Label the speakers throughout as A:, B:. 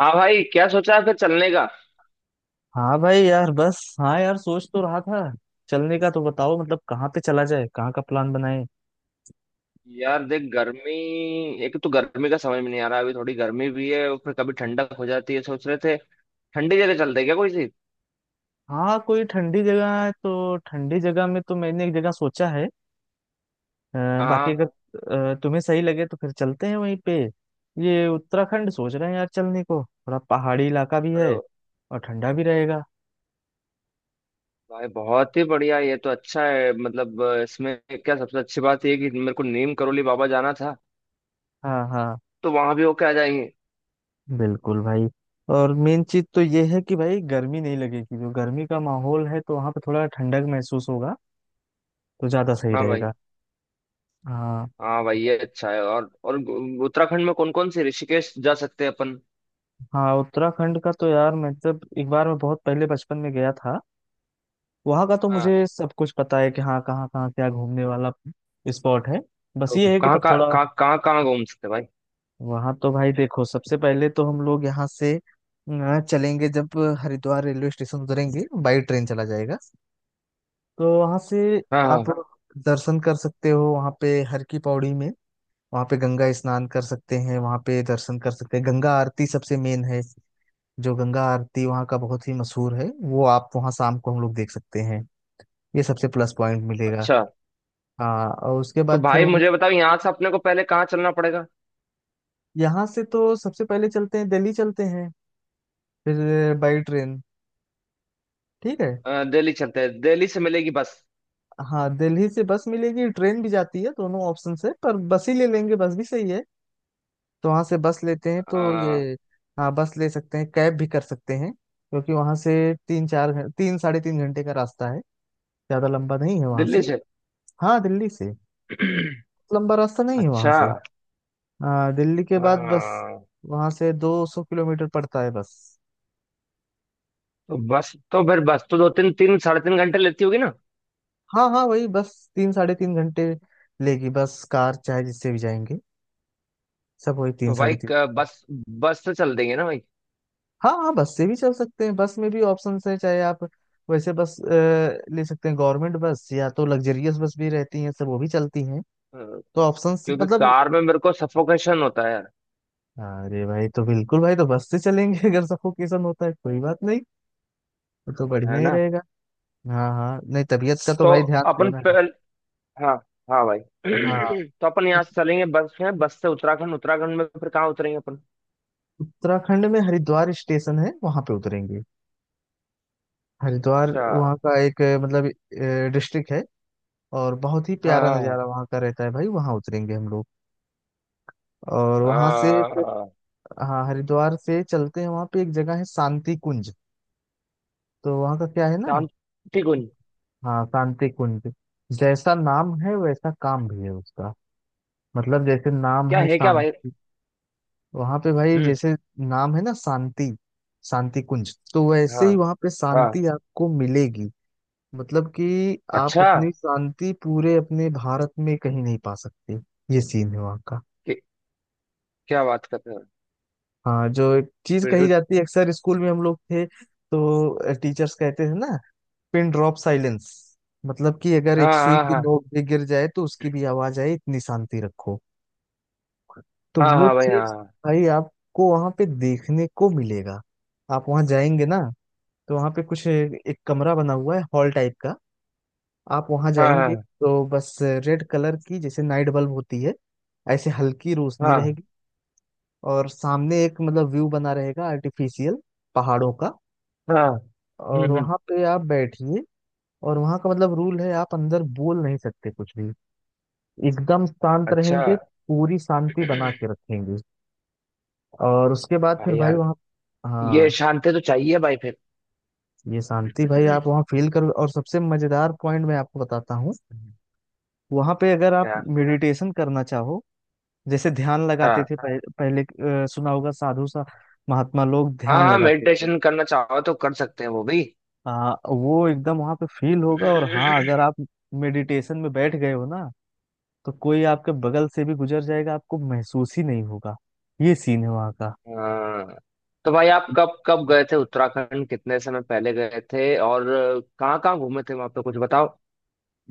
A: हाँ भाई, क्या सोचा है फिर चलने का?
B: हाँ भाई यार, बस हाँ यार, सोच तो रहा था। चलने का तो बताओ, मतलब कहाँ पे चला जाए, कहाँ का प्लान बनाए।
A: यार, देख गर्मी। एक तो गर्मी का समझ में नहीं आ रहा, अभी थोड़ी गर्मी भी है और फिर कभी ठंडक हो जाती है। सोच रहे थे ठंडी जगह चलते हैं क्या कोई सी।
B: हाँ, कोई ठंडी जगह है तो ठंडी जगह में तो मैंने एक जगह सोचा है। बाकी
A: हाँ।
B: अगर तुम्हें सही लगे तो फिर चलते हैं वहीं पे। ये उत्तराखंड सोच रहे हैं यार चलने को, थोड़ा पहाड़ी इलाका भी
A: अरे
B: है और ठंडा भी रहेगा।
A: भाई बहुत ही बढ़िया, ये तो अच्छा है। मतलब इसमें क्या सबसे अच्छी बात ये है कि मेरे को नीम करोली बाबा जाना था।
B: हाँ हाँ,
A: तो वहां भी होके आ जाएंगे।
B: बिल्कुल भाई। और मेन चीज तो ये है कि भाई गर्मी नहीं लगेगी, जो गर्मी का माहौल है तो वहाँ पे थोड़ा ठंडक महसूस होगा तो ज्यादा सही
A: हाँ भाई।
B: रहेगा। हाँ
A: हाँ भाई, ये अच्छा है। और उत्तराखंड में कौन कौन से ऋषिकेश जा सकते हैं अपन?
B: हाँ। उत्तराखंड का तो यार मैं जब एक बार, मैं बहुत पहले बचपन में गया था। वहाँ का तो
A: हाँ।
B: मुझे सब कुछ पता है कि हाँ कहाँ कहाँ क्या घूमने वाला स्पॉट है। बस
A: तो
B: ये है कि
A: कहाँ
B: तब
A: कहाँ
B: थोड़ा।
A: कहाँ कहाँ कहाँ घूम सकते हैं भाई?
B: वहाँ तो भाई देखो, सबसे पहले तो हम लोग यहाँ से चलेंगे जब हरिद्वार रेलवे स्टेशन उतरेंगे, बाई ट्रेन चला जाएगा। तो वहाँ से
A: हाँ
B: आप
A: हाँ।
B: दर्शन कर सकते हो वहाँ पे, हर की पौड़ी में वहाँ पे गंगा स्नान कर सकते हैं, वहाँ पे दर्शन कर सकते हैं, गंगा आरती सबसे मेन है। जो गंगा आरती वहाँ का बहुत ही मशहूर है वो आप वहाँ शाम को हम लोग देख सकते हैं। ये सबसे प्लस पॉइंट मिलेगा।
A: अच्छा।
B: हाँ, और उसके
A: तो
B: बाद फिर
A: भाई
B: वहीं।
A: मुझे बताओ यहाँ से अपने को पहले कहाँ चलना पड़ेगा?
B: यहाँ से तो सबसे पहले चलते हैं दिल्ली चलते हैं, फिर बाई ट्रेन। ठीक है।
A: दिल्ली चलते हैं। दिल्ली से मिलेगी बस?
B: हाँ दिल्ली से बस मिलेगी, ट्रेन भी जाती है, दोनों ऑप्शन से, पर बस ही ले लेंगे, बस भी सही है। तो वहाँ से बस लेते हैं तो
A: अ,
B: ये। हाँ बस ले सकते हैं, कैब भी कर सकते हैं, क्योंकि वहाँ से 3 साढ़े 3 घंटे का रास्ता है, ज़्यादा लंबा नहीं है वहाँ
A: दिल्ली
B: से।
A: से।
B: हाँ दिल्ली से, लंबा रास्ता नहीं है वहां से।
A: अच्छा।
B: हाँ दिल्ली के
A: अ,
B: बाद बस, वहां से 200 किलोमीटर पड़ता है बस।
A: तो बस तो फिर बस तो दो तीन 3 साढ़े 3 घंटे लेती होगी ना?
B: हाँ हाँ, वही बस 3 साढ़े 3 घंटे लेगी, बस कार चाहे जिससे भी जाएंगे, सब वही तीन
A: तो भाई
B: साढ़े तीन।
A: क- बस बस से चल देंगे ना भाई?
B: हाँ हाँ बस से भी चल सकते हैं, बस में भी ऑप्शन है, चाहे आप वैसे बस ले सकते हैं, गवर्नमेंट बस या तो लग्जरियस बस भी रहती हैं, सब वो भी चलती हैं।
A: अ,
B: तो ऑप्शंस
A: क्योंकि
B: मतलब।
A: कार में मेरे को सफोकेशन होता है।
B: अरे भाई तो बिल्कुल भाई, तो बस से चलेंगे अगर सफोकेशन होता है कोई बात नहीं, वो तो
A: है
B: बढ़िया ही
A: ना?
B: रहेगा। हाँ हाँ, नहीं तबीयत का तो
A: तो
B: भाई ध्यान
A: अपन
B: देना है।
A: पहल हाँ, हाँ भाई।
B: हाँ,
A: तो अपन यहाँ से चलेंगे बस में, बस से उत्तराखंड उत्तराखंड में फिर कहाँ उतरेंगे अपन?
B: उत्तराखंड में हरिद्वार स्टेशन है वहां पे उतरेंगे। हरिद्वार
A: अच्छा।
B: वहाँ का एक मतलब डिस्ट्रिक्ट है, और बहुत ही
A: हाँ
B: प्यारा
A: हाँ,
B: नज़ारा वहाँ का रहता है भाई, वहाँ उतरेंगे हम लोग। और वहाँ से फिर
A: हाँ।
B: हाँ हरिद्वार से चलते हैं वहाँ पे एक जगह है शांति कुंज। तो वहाँ का क्या है ना।
A: शांति कुंज
B: हाँ शांति कुंज। जैसा नाम है वैसा काम भी है उसका। मतलब जैसे नाम
A: क्या
B: है
A: है क्या भाई?
B: शांति, वहाँ पे भाई
A: हम्म।
B: जैसे नाम है ना शांति, शांति कुंज तो वैसे
A: हाँ
B: ही वहाँ पे
A: हाँ।
B: शांति आपको मिलेगी। मतलब कि आप
A: अच्छा।
B: उतनी शांति पूरे अपने भारत में कहीं नहीं पा सकते। ये सीन है वहाँ का।
A: कि, क्या बात कर रहे हो?
B: हाँ, जो एक चीज
A: फिर
B: कही
A: तो।
B: जाती है अक्सर, स्कूल में हम लोग थे तो टीचर्स कहते थे ना, पिन ड्रॉप साइलेंस, मतलब कि अगर एक
A: हाँ
B: सुई
A: हाँ
B: की
A: हाँ।
B: नोक भी गिर जाए तो उसकी भी आवाज आए, इतनी शांति रखो। तो
A: हाँ
B: वो
A: हाँ भाई।
B: चीज
A: हाँ
B: भाई आपको वहां पे देखने को मिलेगा। आप वहां जाएंगे ना तो वहां पे कुछ एक कमरा बना हुआ है हॉल टाइप का। आप वहां
A: हाँ
B: जाएंगे
A: हाँ।
B: तो बस रेड कलर की जैसे नाइट बल्ब होती है, ऐसे हल्की रोशनी
A: हाँ
B: रहेगी। और सामने एक मतलब व्यू बना रहेगा आर्टिफिशियल पहाड़ों का।
A: हाँ। हम्म।
B: और
A: हम्म।
B: वहां पे आप बैठिए, और वहां का मतलब रूल है, आप अंदर बोल नहीं सकते कुछ भी, एकदम शांत
A: अच्छा।
B: रहेंगे, पूरी शांति बना के रखेंगे। और उसके बाद फिर
A: भाई
B: भाई
A: यार,
B: वहाँ,
A: ये
B: हाँ,
A: शांति तो चाहिए भाई फिर।
B: ये शांति भाई आप वहाँ फील करो, और सबसे मजेदार पॉइंट मैं आपको बताता हूँ, वहाँ पे अगर आप
A: क्या?
B: मेडिटेशन करना चाहो, जैसे ध्यान लगाते
A: हाँ
B: थे पहले, सुना होगा साधु सा महात्मा लोग
A: हाँ
B: ध्यान
A: हाँ,
B: लगाते थे,
A: मेडिटेशन करना चाहो तो कर सकते हैं वो भी।
B: वो एकदम वहां पे फील होगा। और हाँ, अगर आप मेडिटेशन में बैठ गए हो ना, तो कोई आपके बगल से भी गुजर जाएगा आपको महसूस ही नहीं होगा। ये सीन है वहाँ का।
A: हाँ, तो भाई आप कब कब गए थे उत्तराखंड, कितने समय पहले गए थे और कहाँ कहाँ घूमे थे वहां पे कुछ बताओ।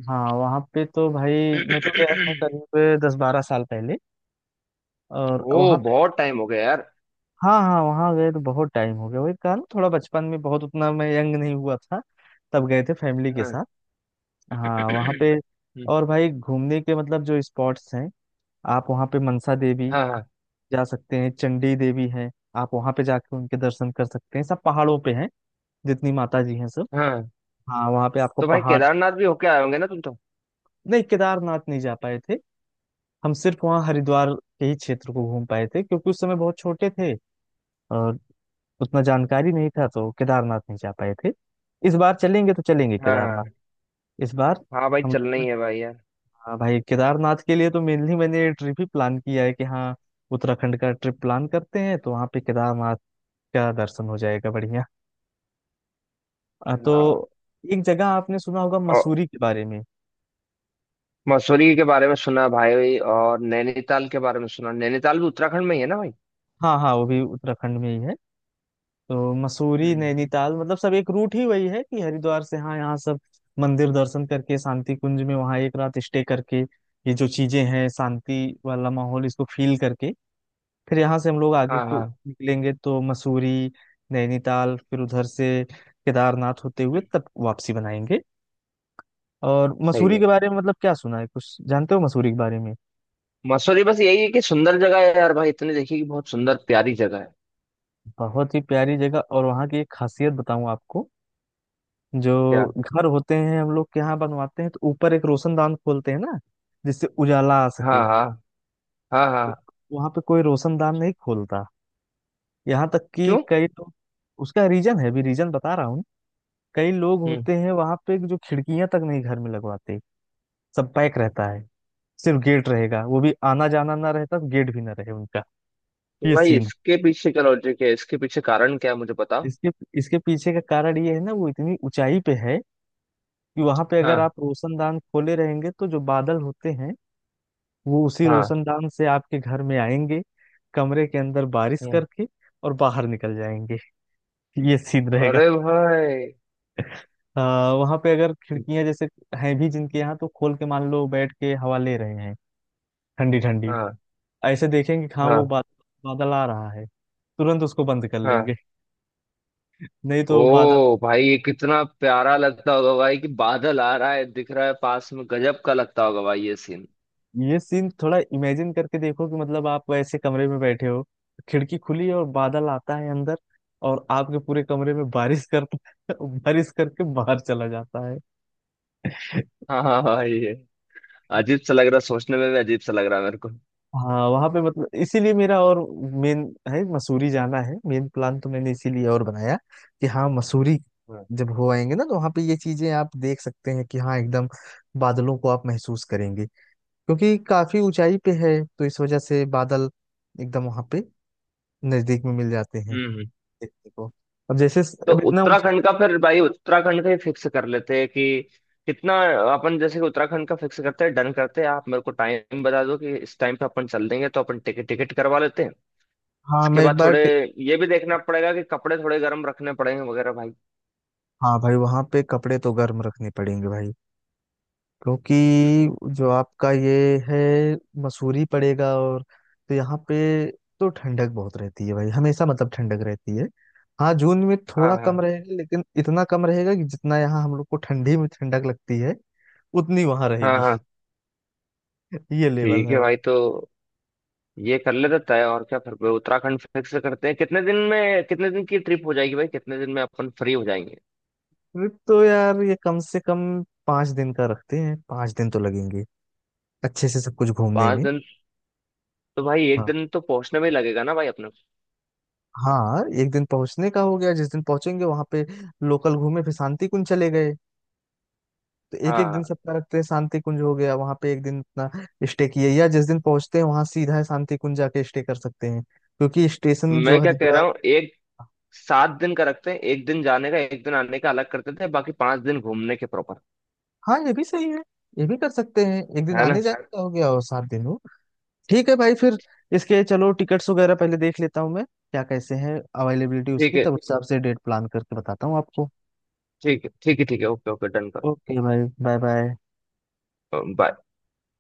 B: हाँ वहाँ पे तो भाई मैं तो गया था करीब 10-12 साल पहले, और वहाँ
A: ओ,
B: पे
A: बहुत टाइम हो गया यार।
B: हाँ हाँ, वहाँ गए तो बहुत टाइम हो गया, वही कहा ना थोड़ा बचपन में, बहुत उतना मैं यंग नहीं हुआ था, तब गए थे फैमिली के
A: हाँ।
B: साथ। हाँ वहाँ पे,
A: हम्म।
B: और भाई घूमने के मतलब जो स्पॉट्स हैं, आप वहाँ पे मनसा देवी
A: हाँ हाँ
B: जा सकते हैं, चंडी देवी है, आप वहाँ पे जाके उनके दर्शन कर सकते हैं, सब पहाड़ों पे हैं जितनी माता जी हैं सब।
A: हाँ।
B: हाँ वहाँ पे आपको
A: तो भाई
B: पहाड़।
A: केदारनाथ भी होके आए होंगे ना तुम तो?
B: नहीं, केदारनाथ नहीं जा पाए थे, हम सिर्फ वहाँ हरिद्वार के ही क्षेत्र को घूम पाए थे, क्योंकि उस समय बहुत छोटे थे और उतना जानकारी नहीं था तो केदारनाथ नहीं जा पाए थे। इस बार चलेंगे तो चलेंगे केदारनाथ
A: हाँ
B: इस बार
A: हाँ भाई,
B: हम
A: चलना
B: लोग।
A: ही है भाई यार।
B: हाँ भाई, केदारनाथ के लिए तो मेनली मैंने ये ट्रिप ही प्लान किया है, कि हाँ उत्तराखंड का ट्रिप प्लान करते हैं तो वहाँ पे केदारनाथ का दर्शन हो जाएगा बढ़िया।
A: हाँ।
B: तो एक जगह आपने सुना होगा
A: और
B: मसूरी के बारे में।
A: मसूरी के बारे में सुना भाई, और नैनीताल के बारे में सुना। नैनीताल भी उत्तराखंड में ही है ना भाई?
B: हाँ हाँ वो भी उत्तराखंड में ही है। तो मसूरी
A: हम्म।
B: नैनीताल, मतलब सब एक रूट ही वही है, कि हरिद्वार से हाँ यहाँ सब मंदिर दर्शन करके शांति कुंज में वहाँ एक रात स्टे करके, ये जो चीजें हैं शांति वाला माहौल इसको फील करके फिर यहाँ से हम लोग आगे
A: हाँ
B: को
A: हाँ।
B: निकलेंगे, तो मसूरी नैनीताल फिर उधर से केदारनाथ होते हुए तब वापसी बनाएंगे। और
A: सही
B: मसूरी
A: है।
B: के बारे में मतलब क्या सुना है, कुछ जानते हो मसूरी के बारे में?
A: मसूरी बस यही है कि सुंदर जगह है यार भाई, इतनी देखिए कि बहुत सुंदर प्यारी जगह है।
B: बहुत ही प्यारी जगह, और वहाँ की एक खासियत बताऊँ आपको, जो
A: क्या?
B: घर होते हैं हम लोग के यहाँ बनवाते हैं तो ऊपर एक रोशनदान खोलते हैं ना, जिससे उजाला आ सके।
A: हाँ हाँ। हाँ
B: तो
A: हाँ।
B: वहाँ पे कोई रोशनदान नहीं खोलता, यहाँ तक कि
A: क्यों?
B: कई लोग, उसका रीजन है, भी रीजन बता रहा हूँ, कई लोग
A: हम्म।
B: होते हैं वहां पे जो खिड़कियां तक नहीं घर में लगवाते, सब पैक रहता है, सिर्फ गेट रहेगा, वो भी आना जाना ना रहता तो गेट भी ना रहे उनका।
A: तो
B: ये
A: भाई
B: सीन है।
A: इसके पीछे क्या लॉजिक है, इसके पीछे कारण क्या है मुझे बताओ।
B: इसके इसके पीछे का कारण ये है ना, वो इतनी ऊंचाई पे है कि वहां पे अगर
A: हाँ।
B: आप रोशनदान खोले रहेंगे तो जो बादल होते हैं, वो उसी
A: हाँ।
B: रोशनदान से आपके घर में आएंगे, कमरे के अंदर बारिश
A: हम्म।
B: करके और बाहर निकल जाएंगे। ये सीन रहेगा।
A: अरे भाई।
B: वहां पे अगर खिड़कियां जैसे हैं भी जिनके यहाँ, तो खोल के मान लो बैठ के हवा ले रहे हैं ठंडी ठंडी,
A: हाँ
B: ऐसे देखेंगे कि हाँ वो
A: हाँ
B: बादल, बादल आ रहा है, तुरंत उसको बंद कर लेंगे,
A: हाँ।
B: नहीं तो बादल।
A: ओ भाई, ये कितना प्यारा लगता होगा भाई कि बादल आ रहा है दिख रहा है पास में। गजब का लगता होगा भाई ये सीन।
B: ये सीन थोड़ा इमेजिन करके देखो कि मतलब आप ऐसे कमरे में बैठे हो, खिड़की खुली है और बादल आता है अंदर और आपके पूरे कमरे में बारिश करता है बारिश करके बाहर चला जाता है।
A: हाँ हाँ भाई, ये अजीब सा लग रहा है, सोचने में भी अजीब सा लग रहा है मेरे को।
B: हाँ वहां पे मतलब इसीलिए मेरा और मेन है मसूरी जाना है, मेन प्लान तो मैंने इसीलिए और बनाया कि हाँ मसूरी
A: हाँ।
B: जब हो आएंगे ना तो वहां पे ये चीजें आप देख सकते हैं, कि हाँ एकदम बादलों को आप महसूस करेंगे, क्योंकि काफी ऊंचाई पे है तो इस वजह से बादल एकदम वहां पे नजदीक में मिल जाते हैं
A: हम्म।
B: देखने को। अब जैसे
A: तो
B: अब इतना ऊंचा।
A: उत्तराखंड का फिर भाई, उत्तराखंड का ही फिक्स कर लेते हैं कि कितना। अपन जैसे कि उत्तराखंड का फिक्स करते हैं, डन करते हैं, आप मेरे को टाइम बता दो कि इस टाइम पे अपन चल देंगे तो अपन टिकट टिकट करवा लेते हैं।
B: हाँ
A: इसके
B: मैं एक
A: बाद
B: बार
A: थोड़े ये भी देखना पड़ेगा कि कपड़े थोड़े गर्म रखने पड़ेंगे वगैरह भाई।
B: हाँ भाई वहां पे कपड़े तो गर्म रखने पड़ेंगे भाई, क्योंकि
A: हम्म।
B: जो आपका ये है मसूरी पड़ेगा और, तो यहाँ पे तो ठंडक बहुत रहती है भाई, हमेशा मतलब ठंडक रहती है। हाँ जून में
A: हाँ
B: थोड़ा कम
A: हाँ।
B: रहेगा, लेकिन इतना कम रहेगा कि जितना यहाँ हम लोग को ठंडी में ठंडक लगती है उतनी वहां
A: हाँ
B: रहेगी।
A: हाँ।
B: ये लेवल
A: ठीक
B: है
A: है
B: वहां।
A: भाई, तो ये कर लेते तय और क्या। फिर उत्तराखंड फिक्स करते हैं, कितने दिन में, कितने दिन की ट्रिप हो जाएगी भाई, कितने दिन में अपन फ्री हो जाएंगे?
B: ट्रिप तो यार ये कम से कम 5 दिन का रखते हैं, 5 दिन तो लगेंगे अच्छे से सब कुछ घूमने
A: पांच
B: में।
A: दिन तो भाई एक
B: हाँ
A: दिन तो पहुंचने में ही लगेगा ना भाई अपने को।
B: हाँ एक दिन पहुंचने का हो गया, जिस दिन पहुंचेंगे वहां पे लोकल घूमे फिर शांति कुंज चले गए, तो एक एक
A: हाँ।
B: दिन सबका रखते हैं, शांति कुंज हो गया वहां पे एक दिन अपना स्टे किए, या जिस दिन पहुंचते हैं वहां सीधा है शांति कुंज जाके स्टे कर सकते हैं क्योंकि स्टेशन जो
A: मैं क्या कह रहा
B: हरिद्वार।
A: हूँ, एक 7 दिन का रखते हैं, एक दिन जाने का एक दिन आने का अलग करते थे, बाकी 5 दिन घूमने के प्रॉपर।
B: हाँ ये भी सही है, ये भी कर सकते हैं, एक दिन
A: है ना?
B: आने जाने का हो गया और 7 दिन हो। ठीक है भाई फिर इसके, चलो टिकट्स वगैरह पहले देख लेता हूँ मैं, क्या कैसे है अवेलेबिलिटी
A: ठीक
B: उसकी,
A: है,
B: तब उस हिसाब से डेट प्लान करके बताता हूँ आपको।
A: ठीक है, ठीक है। ठीक है। ओके ओके, डन करो।
B: ओके भाई बाय बाय।
A: बाय।